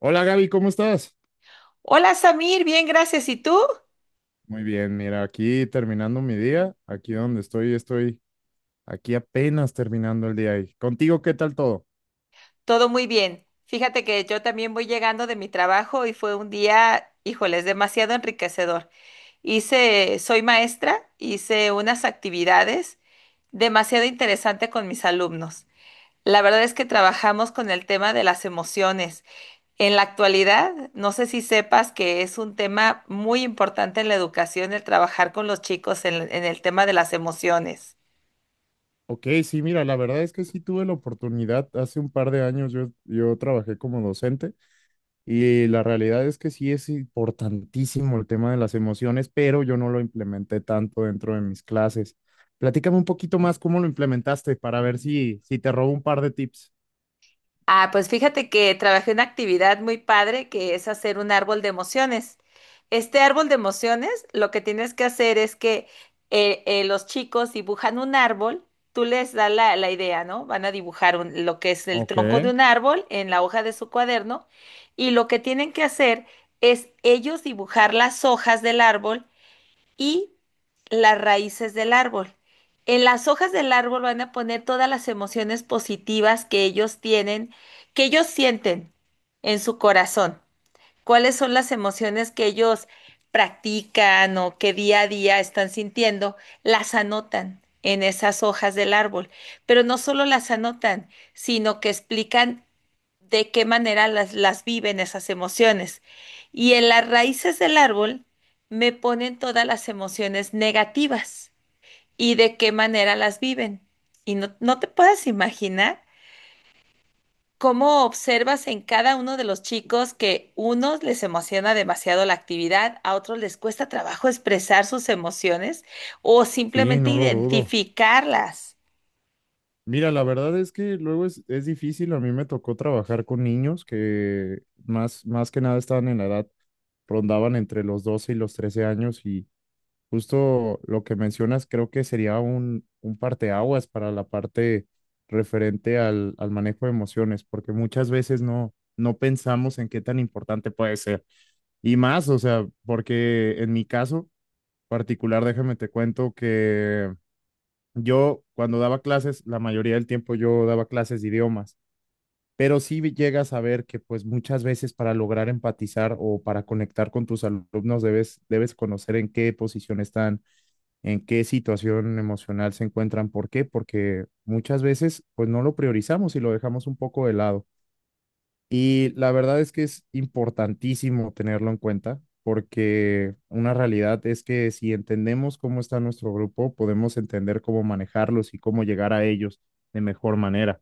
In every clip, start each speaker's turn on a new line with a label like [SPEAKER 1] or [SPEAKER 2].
[SPEAKER 1] Hola Gaby, ¿cómo estás?
[SPEAKER 2] Hola Samir, bien, gracias. ¿Y tú?
[SPEAKER 1] Muy bien, mira, aquí terminando mi día, aquí donde estoy, aquí apenas terminando el día. ¿Y contigo qué tal todo?
[SPEAKER 2] Todo muy bien. Fíjate que yo también voy llegando de mi trabajo y fue un día, híjoles, demasiado enriquecedor. Hice, soy maestra, hice unas actividades demasiado interesantes con mis alumnos. La verdad es que trabajamos con el tema de las emociones. En la actualidad, no sé si sepas que es un tema muy importante en la educación el trabajar con los chicos en el tema de las emociones.
[SPEAKER 1] Ok, sí, mira, la verdad es que sí tuve la oportunidad, hace un par de años yo trabajé como docente y la realidad es que sí es importantísimo el tema de las emociones, pero yo no lo implementé tanto dentro de mis clases. Platícame un poquito más cómo lo implementaste para ver si te robo un par de tips.
[SPEAKER 2] Ah, pues fíjate que trabajé una actividad muy padre que es hacer un árbol de emociones. Este árbol de emociones, lo que tienes que hacer es que los chicos dibujan un árbol, tú les das la idea, ¿no? Van a dibujar lo que es el
[SPEAKER 1] Ok,
[SPEAKER 2] tronco de un árbol en la hoja de su cuaderno, y lo que tienen que hacer es ellos dibujar las hojas del árbol y las raíces del árbol. En las hojas del árbol van a poner todas las emociones positivas que ellos tienen, que ellos sienten en su corazón. ¿Cuáles son las emociones que ellos practican o que día a día están sintiendo? Las anotan en esas hojas del árbol, pero no solo las anotan, sino que explican de qué manera las viven esas emociones. Y en las raíces del árbol me ponen todas las emociones negativas y de qué manera las viven. Y no te puedes imaginar cómo observas en cada uno de los chicos que unos les emociona demasiado la actividad, a otros les cuesta trabajo expresar sus emociones o
[SPEAKER 1] sí,
[SPEAKER 2] simplemente
[SPEAKER 1] no lo dudo.
[SPEAKER 2] identificarlas.
[SPEAKER 1] Mira, la verdad es que luego es difícil. A mí me tocó trabajar con niños que más que nada estaban en la edad, rondaban entre los 12 y los 13 años y justo lo que mencionas creo que sería un parteaguas para la parte referente al manejo de emociones, porque muchas veces no pensamos en qué tan importante puede ser. Y más, o sea, porque en mi caso particular, déjame te cuento que yo cuando daba clases, la mayoría del tiempo yo daba clases de idiomas, pero sí llegas a ver que pues muchas veces para lograr empatizar o para conectar con tus alumnos debes conocer en qué posición están, en qué situación emocional se encuentran. ¿Por qué? Porque muchas veces pues no lo priorizamos y lo dejamos un poco de lado. Y la verdad es que es importantísimo tenerlo en cuenta porque una realidad es que si entendemos cómo está nuestro grupo, podemos entender cómo manejarlos y cómo llegar a ellos de mejor manera.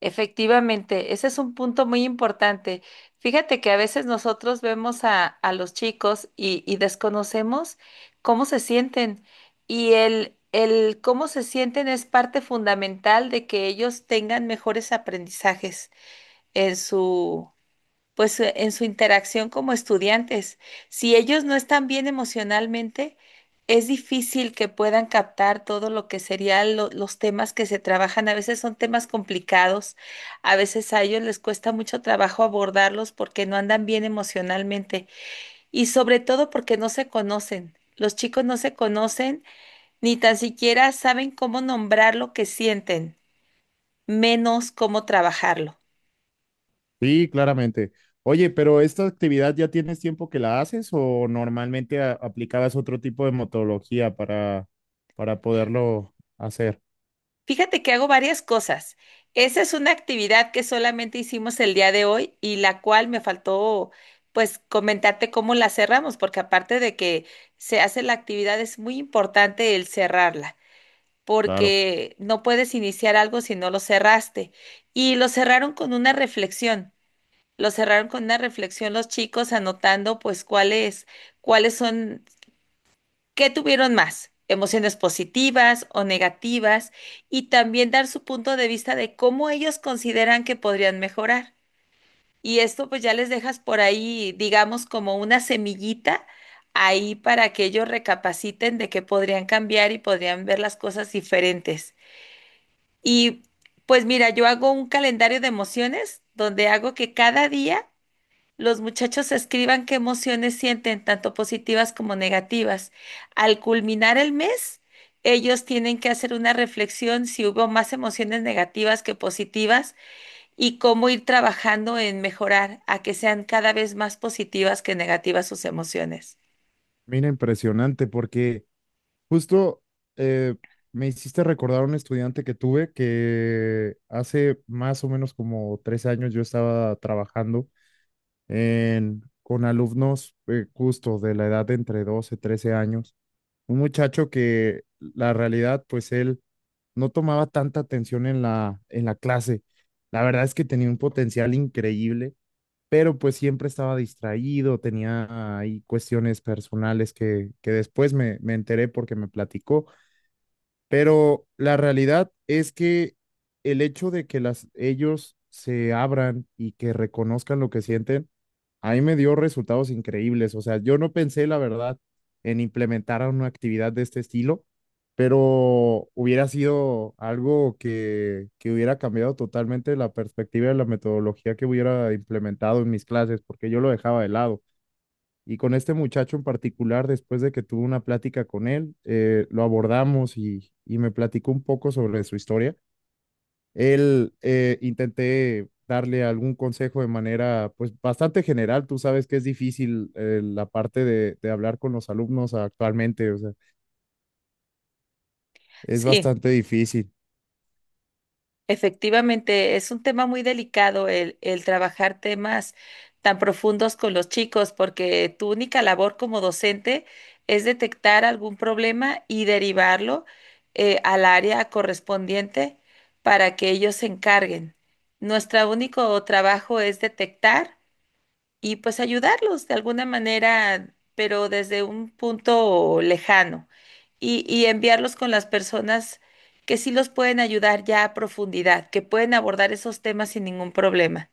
[SPEAKER 2] Efectivamente, ese es un punto muy importante. Fíjate que a veces nosotros vemos a los chicos y desconocemos cómo se sienten y el cómo se sienten es parte fundamental de que ellos tengan mejores aprendizajes en su, en su interacción como estudiantes. Si ellos no están bien emocionalmente, es difícil que puedan captar todo lo que serían los temas que se trabajan. A veces son temas complicados, a veces a ellos les cuesta mucho trabajo abordarlos porque no andan bien emocionalmente y sobre todo porque no se conocen. Los chicos no se conocen ni tan siquiera saben cómo nombrar lo que sienten, menos cómo trabajarlo.
[SPEAKER 1] Sí, claramente. Oye, pero esta actividad ya tienes tiempo que la haces o normalmente aplicabas otro tipo de metodología para poderlo hacer?
[SPEAKER 2] Fíjate que hago varias cosas. Esa es una actividad que solamente hicimos el día de hoy y la cual me faltó, pues, comentarte cómo la cerramos, porque aparte de que se hace la actividad es muy importante el cerrarla,
[SPEAKER 1] Claro.
[SPEAKER 2] porque no puedes iniciar algo si no lo cerraste. Y lo cerraron con una reflexión. Lo cerraron con una reflexión los chicos, anotando pues cuáles son. ¿Qué tuvieron más? Emociones positivas o negativas, y también dar su punto de vista de cómo ellos consideran que podrían mejorar. Y esto pues ya les dejas por ahí, digamos, como una semillita ahí para que ellos recapaciten de que podrían cambiar y podrían ver las cosas diferentes. Y pues mira, yo hago un calendario de emociones donde hago que cada día los muchachos escriban qué emociones sienten, tanto positivas como negativas. Al culminar el mes, ellos tienen que hacer una reflexión si hubo más emociones negativas que positivas, y cómo ir trabajando en mejorar a que sean cada vez más positivas que negativas sus emociones.
[SPEAKER 1] Mira, impresionante porque Justo eh, me hiciste recordar a un estudiante que tuve que hace más o menos como 3 años yo estaba trabajando en, con alumnos justo de la edad de entre 12 13 años. Un muchacho que la realidad, pues él no tomaba tanta atención en la clase. La verdad es que tenía un potencial increíble, pero pues siempre estaba distraído, tenía ahí cuestiones personales que después me enteré porque me platicó pero la realidad es que el hecho de que las, ellos se abran y que reconozcan lo que sienten, a mí me dio resultados increíbles. O sea, yo no pensé, la verdad, en implementar una actividad de este estilo, pero hubiera sido algo que hubiera cambiado totalmente la perspectiva de la metodología que hubiera implementado en mis clases, porque yo lo dejaba de lado. Y con este muchacho en particular, después de que tuve una plática con él, lo abordamos y me platicó un poco sobre su historia. Él intenté darle algún consejo de manera pues bastante general. Tú sabes que es difícil la parte de hablar con los alumnos actualmente, o sea, es
[SPEAKER 2] Sí.
[SPEAKER 1] bastante difícil.
[SPEAKER 2] Efectivamente, es un tema muy delicado el trabajar temas tan profundos con los chicos, porque tu única labor como docente es detectar algún problema y derivarlo, al área correspondiente para que ellos se encarguen. Nuestro único trabajo es detectar y pues ayudarlos de alguna manera, pero desde un punto lejano y enviarlos con las personas que sí los pueden ayudar ya a profundidad, que pueden abordar esos temas sin ningún problema.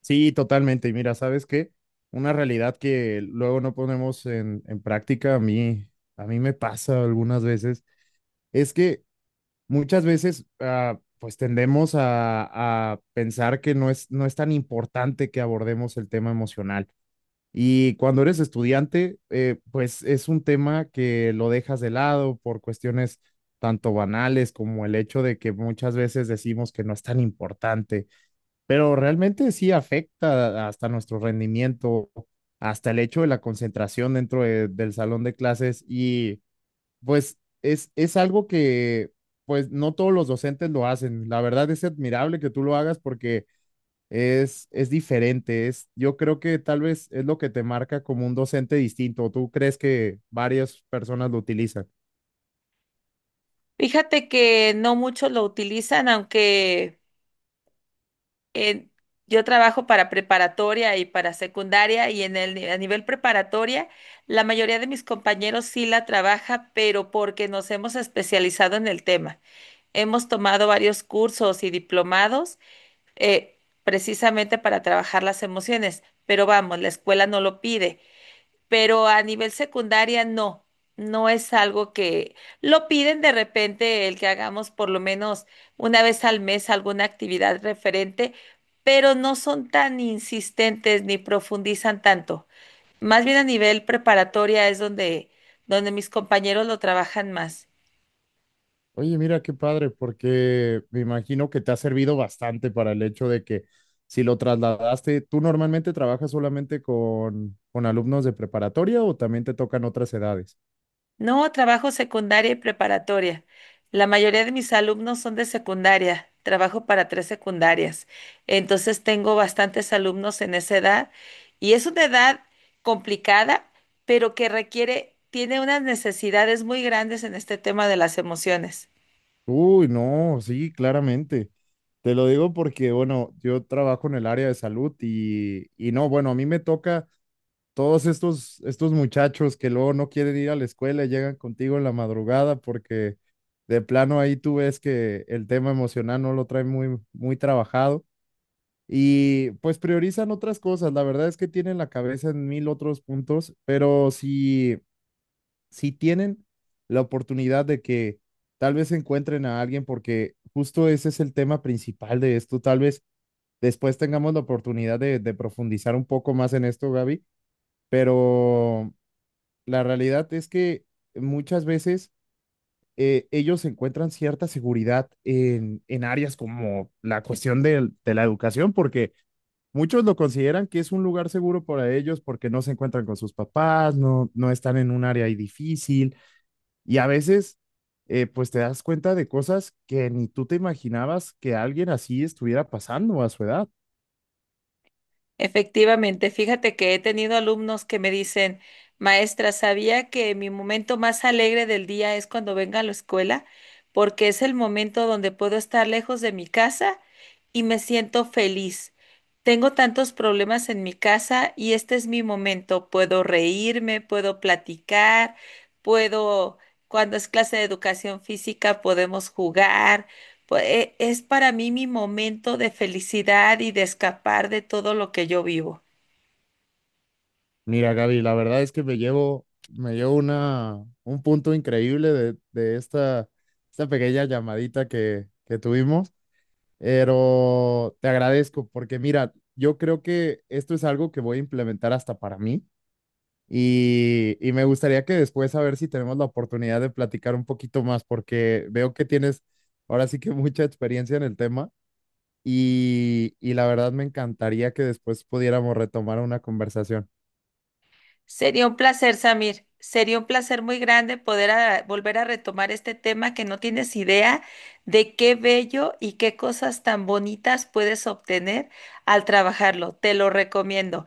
[SPEAKER 1] Sí, totalmente. Y mira, ¿sabes qué? Una realidad que luego no ponemos en práctica, a mí me pasa algunas veces, es que muchas veces pues tendemos a pensar que no es tan importante que abordemos el tema emocional. Y cuando eres estudiante, pues es un tema que lo dejas de lado por cuestiones tanto banales como el hecho de que muchas veces decimos que no es tan importante, pero realmente sí afecta hasta nuestro rendimiento, hasta el hecho de la concentración dentro del salón de clases y pues es algo que pues no todos los docentes lo hacen. La verdad es admirable que tú lo hagas porque es diferente. Es, yo creo que tal vez es lo que te marca como un docente distinto. ¿Tú crees que varias personas lo utilizan?
[SPEAKER 2] Fíjate que no muchos lo utilizan, aunque eh, yo trabajo para preparatoria y para secundaria y en el, ni- a nivel preparatoria, la mayoría de mis compañeros sí la trabaja, pero porque nos hemos especializado en el tema. Hemos tomado varios cursos y diplomados precisamente para trabajar las emociones, pero vamos, la escuela no lo pide, pero a nivel secundaria no es algo que lo piden. De repente el que hagamos por lo menos una vez al mes alguna actividad referente, pero no son tan insistentes ni profundizan tanto. Más bien a nivel preparatoria es donde mis compañeros lo trabajan más.
[SPEAKER 1] Oye, mira qué padre, porque me imagino que te ha servido bastante para el hecho de que si lo trasladaste, ¿tú normalmente trabajas solamente con alumnos de preparatoria o también te tocan otras edades?
[SPEAKER 2] No, trabajo secundaria y preparatoria. La mayoría de mis alumnos son de secundaria. Trabajo para tres secundarias. Entonces tengo bastantes alumnos en esa edad, y es una edad complicada, pero que requiere, tiene unas necesidades muy grandes en este tema de las emociones.
[SPEAKER 1] Uy, no, sí, claramente. Te lo digo porque, bueno, yo trabajo en el área de salud y no, bueno, a mí me toca todos estos muchachos que luego no quieren ir a la escuela y llegan contigo en la madrugada porque de plano ahí tú ves que el tema emocional no lo trae muy trabajado y pues priorizan otras cosas. La verdad es que tienen la cabeza en mil otros puntos, pero sí si tienen la oportunidad de que tal vez encuentren a alguien, porque justo ese es el tema principal de esto, tal vez después tengamos la oportunidad de profundizar un poco más en esto, Gaby, pero la realidad es que muchas veces ellos encuentran cierta seguridad en áreas como la cuestión de la educación, porque muchos lo consideran que es un lugar seguro para ellos porque no se encuentran con sus papás, no están en un área ahí difícil y a veces, pues te das cuenta de cosas que ni tú te imaginabas que alguien así estuviera pasando a su edad.
[SPEAKER 2] Efectivamente, fíjate que he tenido alumnos que me dicen, maestra, sabía que mi momento más alegre del día es cuando vengo a la escuela, porque es el momento donde puedo estar lejos de mi casa y me siento feliz. Tengo tantos problemas en mi casa y este es mi momento. Puedo reírme, puedo platicar, puedo, cuando es clase de educación física, podemos jugar. Pues es para mí mi momento de felicidad y de escapar de todo lo que yo vivo.
[SPEAKER 1] Mira, Gaby, la verdad es que me llevo una, un punto increíble de esta, esta pequeña llamadita que tuvimos, pero te agradezco porque mira, yo creo que esto es algo que voy a implementar hasta para mí. Y me gustaría que después a ver si tenemos la oportunidad de platicar un poquito más, porque veo que tienes ahora sí que mucha experiencia en el tema y la verdad me encantaría que después pudiéramos retomar una conversación.
[SPEAKER 2] Sería un placer, Samir. Sería un placer muy grande poder volver a retomar este tema que no tienes idea de qué bello y qué cosas tan bonitas puedes obtener al trabajarlo. Te lo recomiendo.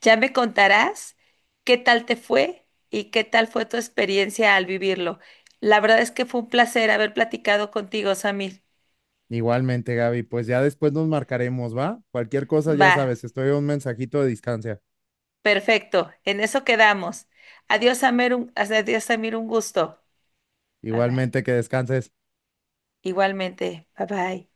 [SPEAKER 2] Ya me contarás qué tal te fue y qué tal fue tu experiencia al vivirlo. La verdad es que fue un placer haber platicado contigo, Samir.
[SPEAKER 1] Igualmente, Gaby, pues ya después nos marcaremos, ¿va? Cualquier cosa, ya
[SPEAKER 2] Va.
[SPEAKER 1] sabes, estoy a un mensajito de distancia.
[SPEAKER 2] Perfecto, en eso quedamos. Adiós, Amir, adiós, Samir, un gusto. Bye bye.
[SPEAKER 1] Igualmente, que descanses.
[SPEAKER 2] Igualmente, bye bye.